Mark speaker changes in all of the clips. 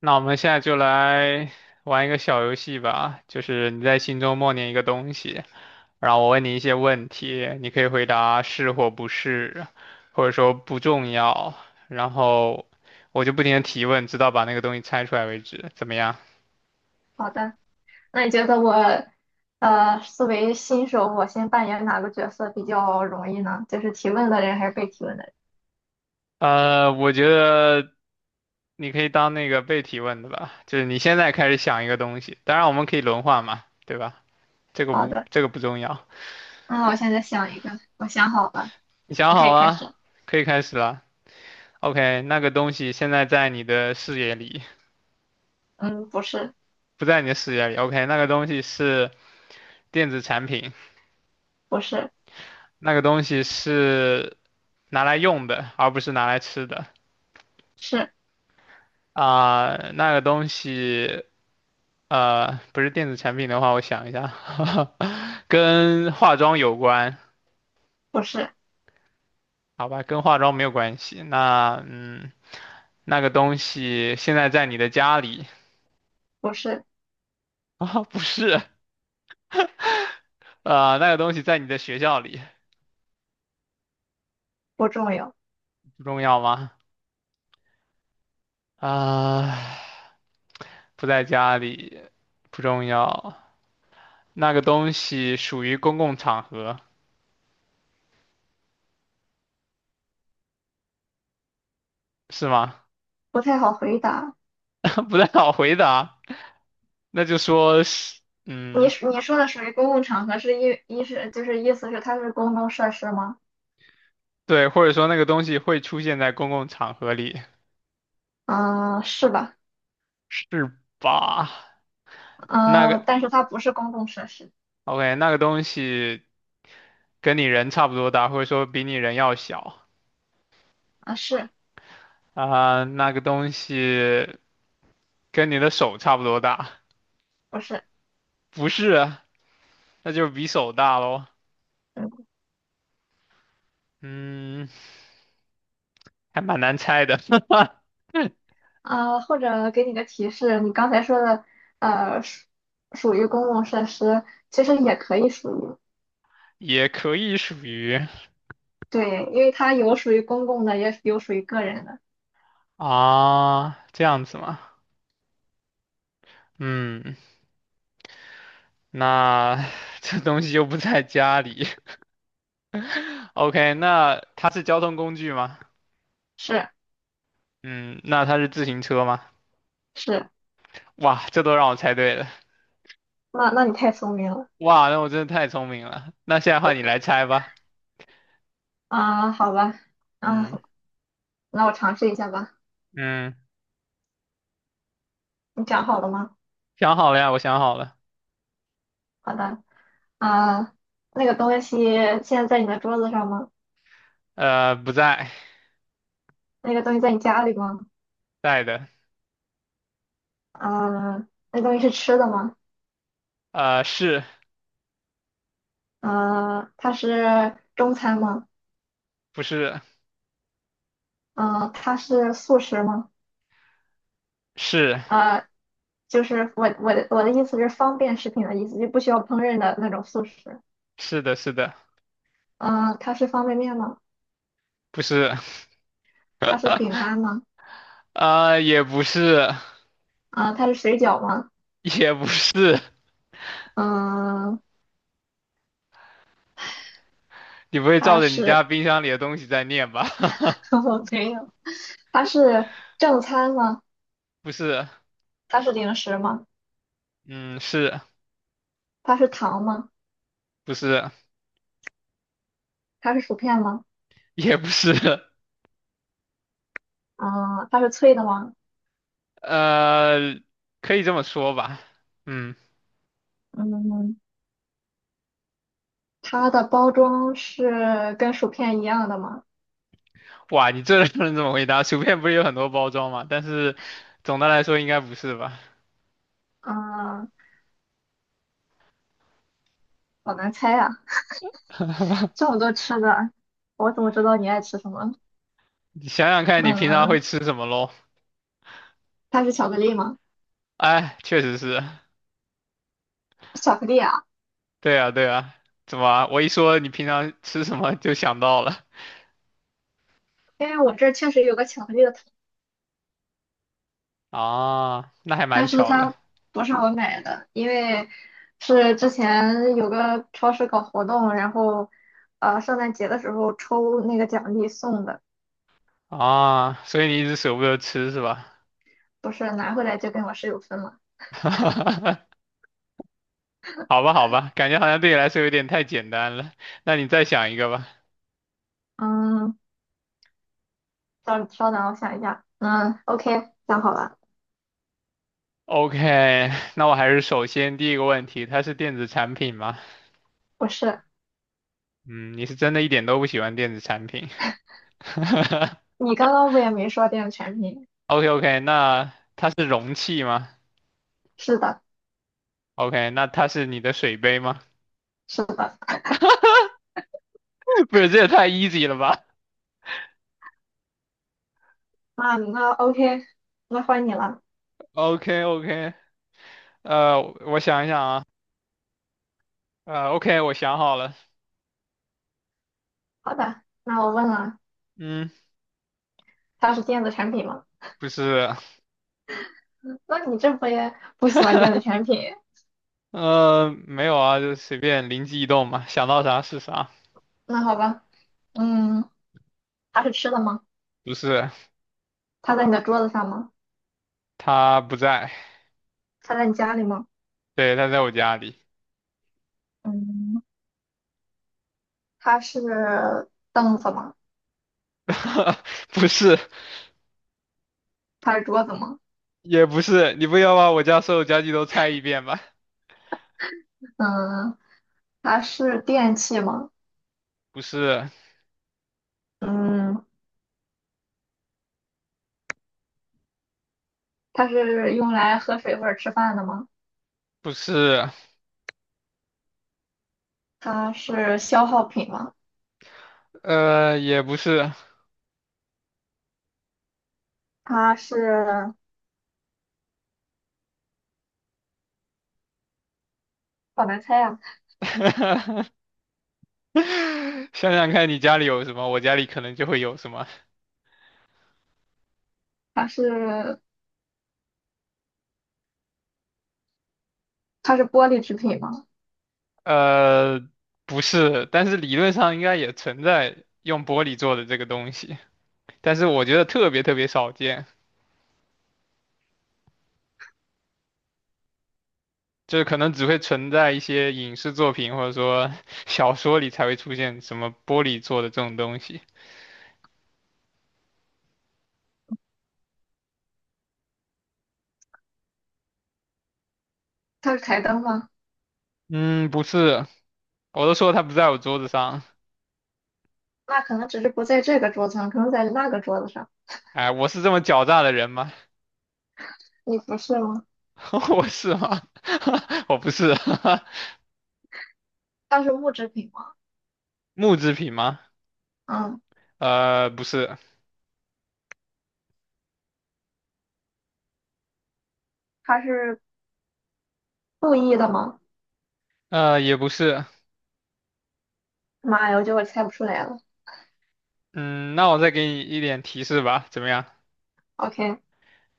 Speaker 1: 那我们现在就来玩一个小游戏吧，就是你在心中默念一个东西，然后我问你一些问题，你可以回答是或不是，或者说不重要，然后我就不停的提问，直到把那个东西猜出来为止，怎么样？
Speaker 2: 好的，那你觉得我，作为新手，我先扮演哪个角色比较容易呢？就是提问的人还是被提问的人？
Speaker 1: 我觉得你可以当那个被提问的吧，就是你现在开始想一个东西，当然我们可以轮换嘛，对吧？这个
Speaker 2: 好
Speaker 1: 无，
Speaker 2: 的，
Speaker 1: 这个不重要，
Speaker 2: 那我现在想一个，我想好了，
Speaker 1: 你想
Speaker 2: 你可
Speaker 1: 好
Speaker 2: 以开
Speaker 1: 了，
Speaker 2: 始。
Speaker 1: 可以开始了。OK，那个东西现在在你的视野里，
Speaker 2: 嗯，不是，
Speaker 1: 不在你的视野里。OK，那个东西是电子产品，
Speaker 2: 不是，
Speaker 1: 那个东西是拿来用的，而不是拿来吃的。
Speaker 2: 是，
Speaker 1: 啊、那个东西，不是电子产品的话，我想一下，跟化妆有关，
Speaker 2: 不是，
Speaker 1: 好吧，跟化妆没有关系。那，嗯，那个东西现在在你的家里
Speaker 2: 不是，
Speaker 1: 啊、不是，那个东西在你的学校里，
Speaker 2: 不重要，
Speaker 1: 不重要吗？啊，不在家里不重要，那个东西属于公共场合，是吗？
Speaker 2: 不太好回答。
Speaker 1: 不太好回答，那就说是，嗯，
Speaker 2: 你说的属于公共场合，是一一是就是意思是它是公共设施吗？
Speaker 1: 对，或者说那个东西会出现在公共场合里，
Speaker 2: 嗯、是吧？
Speaker 1: 是吧？那个
Speaker 2: 嗯、但是它不是公共设施。
Speaker 1: ，OK，那个东西跟你人差不多大，或者说比你人要小
Speaker 2: 啊，是
Speaker 1: 啊，那个东西跟你的手差不多大，
Speaker 2: 不是？
Speaker 1: 不是啊，那就是比手大喽。
Speaker 2: 嗯。
Speaker 1: 嗯，还蛮难猜的，
Speaker 2: 啊，或者给你个提示，你刚才说的，属属于公共设施，其实也可以属于，
Speaker 1: 也可以属于
Speaker 2: 对，因为它有属于公共的，也有属于个人的，
Speaker 1: 啊，这样子嘛。嗯，那 这东西又不在家里。OK，那它是交通工具吗？
Speaker 2: 是
Speaker 1: 嗯，那它是自行车吗？
Speaker 2: 是，
Speaker 1: 哇，这都让我猜对了。
Speaker 2: 那你太聪明了。
Speaker 1: 哇，那我真的太聪明了。那现在换你来猜吧。
Speaker 2: 啊，好吧，啊，
Speaker 1: 嗯
Speaker 2: 那我尝试一下吧，
Speaker 1: 嗯，
Speaker 2: 你讲好了吗？
Speaker 1: 想好了呀，我想好了。
Speaker 2: 好的，啊，那个东西现在在你的桌子上吗？
Speaker 1: 不在，
Speaker 2: 那个东西在你家里吗？
Speaker 1: 在的。
Speaker 2: 啊，那东西是吃的吗？
Speaker 1: 是
Speaker 2: 啊，它是中餐吗？
Speaker 1: 不是？
Speaker 2: 啊，它是素食吗？
Speaker 1: 是
Speaker 2: 呃，就是我的意思是方便食品的意思，就不需要烹饪的那种速食。
Speaker 1: 是的，是的，
Speaker 2: 嗯、它是方便面吗？
Speaker 1: 不是。
Speaker 2: 它是饼干吗？
Speaker 1: 也不是，
Speaker 2: 啊、它是水饺吗？
Speaker 1: 也不是，
Speaker 2: 嗯、
Speaker 1: 你不会照
Speaker 2: 它
Speaker 1: 着你家
Speaker 2: 是
Speaker 1: 冰箱里的东西在念吧？
Speaker 2: 我没有，它是正餐吗？
Speaker 1: 不是，
Speaker 2: 它是零食吗？
Speaker 1: 嗯，是
Speaker 2: 它是糖吗？
Speaker 1: 不是？
Speaker 2: 它是薯片吗？
Speaker 1: 也不是，
Speaker 2: 嗯、它是脆的吗？
Speaker 1: 呃，可以这么说吧。嗯，
Speaker 2: 嗯，它的包装是跟薯片一样的吗？
Speaker 1: 哇，你这不能这么回答。薯片不是有很多包装吗？但是总的来说应该不是吧？
Speaker 2: 嗯、好难猜呀、这么多吃的，我怎么知道你爱吃什么？
Speaker 1: 你想想看，你平常会
Speaker 2: 嗯、
Speaker 1: 吃什么喽？
Speaker 2: 它是巧克力吗？
Speaker 1: 哎，确实是，
Speaker 2: 巧克力啊，
Speaker 1: 对啊，对啊。怎么啊我一说你平常吃什么就想到了
Speaker 2: 因为我这儿确实有个巧克力的桶，
Speaker 1: 啊？那还
Speaker 2: 但
Speaker 1: 蛮
Speaker 2: 是
Speaker 1: 巧的。
Speaker 2: 它不是我买的，因为是之前有个超市搞活动，然后圣诞节的时候抽那个奖励送的，
Speaker 1: 啊，所以你一直舍不得吃是吧？
Speaker 2: 不是拿回来就跟我室友分了。
Speaker 1: 好吧，好吧，感觉好像对你来说有点太简单了。那你再想一个吧。
Speaker 2: 嗯，稍稍等，我想一下。嗯，OK，想好了，
Speaker 1: OK，那我还是首先第一个问题，它是电子产品吗？
Speaker 2: 不是，
Speaker 1: 嗯，你是真的一点都不喜欢电子产品。
Speaker 2: 你刚刚不也没说电子产品？
Speaker 1: o k o k 那它是容器吗
Speaker 2: 是的，
Speaker 1: ？OK，那它是你的水杯吗？
Speaker 2: 是的。
Speaker 1: 不是，这也太 easy 了吧
Speaker 2: 啊，那 OK，那换你了。
Speaker 1: o k o k 我想一想啊，OK，我想好了，
Speaker 2: 好的，那我问了，
Speaker 1: 嗯，
Speaker 2: 它是电子产品吗？
Speaker 1: 不是，
Speaker 2: 那你这不也不喜欢电子 产品？
Speaker 1: 没有啊，就随便灵机一动嘛，想到啥是啥。
Speaker 2: 那好吧，嗯，它是吃的吗？
Speaker 1: 不是，
Speaker 2: 它在你的桌子上吗？
Speaker 1: 他不在，
Speaker 2: 它在你家里吗？
Speaker 1: 对，他在我家里。
Speaker 2: 嗯，它是凳子吗？
Speaker 1: 不是，
Speaker 2: 它是桌子吗？
Speaker 1: 也不是，你不要把我家所有家具都拆一遍吧？
Speaker 2: 嗯，它是电器吗？
Speaker 1: 不是，
Speaker 2: 嗯，它是用来喝水或者吃饭的吗？
Speaker 1: 不是，
Speaker 2: 它是消耗品吗？
Speaker 1: 也不是。
Speaker 2: 它是好难猜啊，
Speaker 1: 想想看，你家里有什么，我家里可能就会有什么。
Speaker 2: 它是它是玻璃制品吗？
Speaker 1: 呃，不是，但是理论上应该也存在用玻璃做的这个东西，但是我觉得特别特别少见。就是可能只会存在一些影视作品或者说 小说里才会出现什么玻璃做的这种东西。
Speaker 2: 它是台灯吗？
Speaker 1: 嗯，不是，我都说它不在我桌子上。
Speaker 2: 那可能只是不在这个桌子上，可能在那个桌子上。
Speaker 1: 哎，我是这么狡诈的人吗？
Speaker 2: 你不是吗？
Speaker 1: 我是吗？我不是。
Speaker 2: 算是木质品吗？
Speaker 1: 木制品吗？
Speaker 2: 嗯，
Speaker 1: 不是，
Speaker 2: 它是故意的吗？
Speaker 1: 也不是。
Speaker 2: 妈呀，我觉得我猜不出来了。
Speaker 1: 嗯，那我再给你一点提示吧，怎么样？
Speaker 2: OK，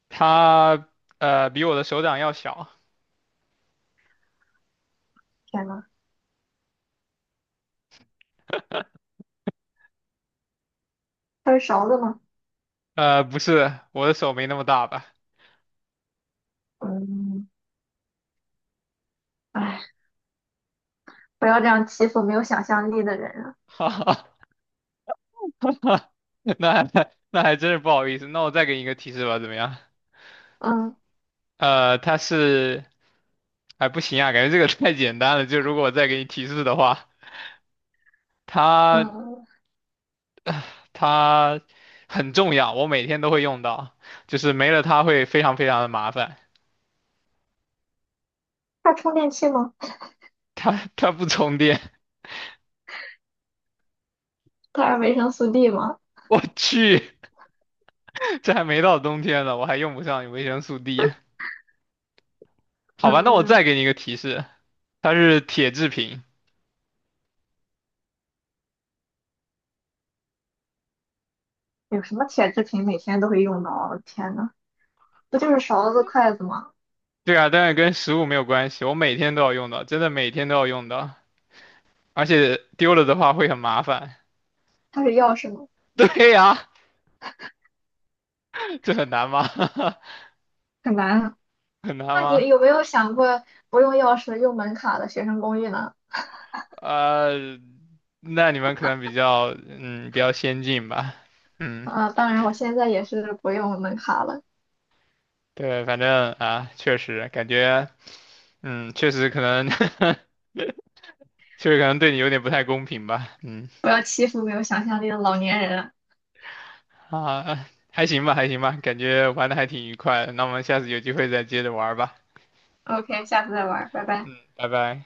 Speaker 1: 它比我的手掌要小。
Speaker 2: 天呐，它是勺子吗？
Speaker 1: 不是，我的手没那么大吧？
Speaker 2: 嗯，哎，不要这样欺负没有想象力的人啊。
Speaker 1: 哈哈。那那还真是不好意思。那我再给你一个提示吧，怎么样？
Speaker 2: 嗯
Speaker 1: 它是，哎，不行啊，感觉这个 太简单了。就如果我再给你提示的话，它
Speaker 2: 嗯，
Speaker 1: 它很重要，我每天都会用到，就是没了它会非常非常的麻烦。
Speaker 2: 它是充电器吗？
Speaker 1: 它不充电，
Speaker 2: 它是维生素 D 吗？
Speaker 1: 我去，这还没到冬天呢，我还用不上维生素 D。好吧，那我
Speaker 2: 嗯，
Speaker 1: 再给你一个提示，它是铁制品。
Speaker 2: 有什么铁制品每天都会用到啊？我的天呐，不就是勺子、筷子吗？
Speaker 1: 对啊，但是跟食物没有关系，我每天都要用到，真的每天都要用到。而且丢了的话会很麻烦。
Speaker 2: 它是钥匙吗？
Speaker 1: 对呀，这很难吗？
Speaker 2: 很难啊。
Speaker 1: 很难
Speaker 2: 那你
Speaker 1: 吗？
Speaker 2: 有没有想过不用钥匙用门卡的学生公寓呢？
Speaker 1: 呃，那你们可能比较比较先进吧，嗯，
Speaker 2: 啊，当然，我现在也是不用门卡了。
Speaker 1: 对，反正啊，确实感觉确实可能 确实可能对你有点不太公平吧，嗯
Speaker 2: 不要欺负没有想象力的老年人。
Speaker 1: 啊还行吧还行吧，感觉玩的还挺愉快的，那我们下次有机会再接着玩吧，
Speaker 2: OK，下次再玩，拜拜。
Speaker 1: 拜拜。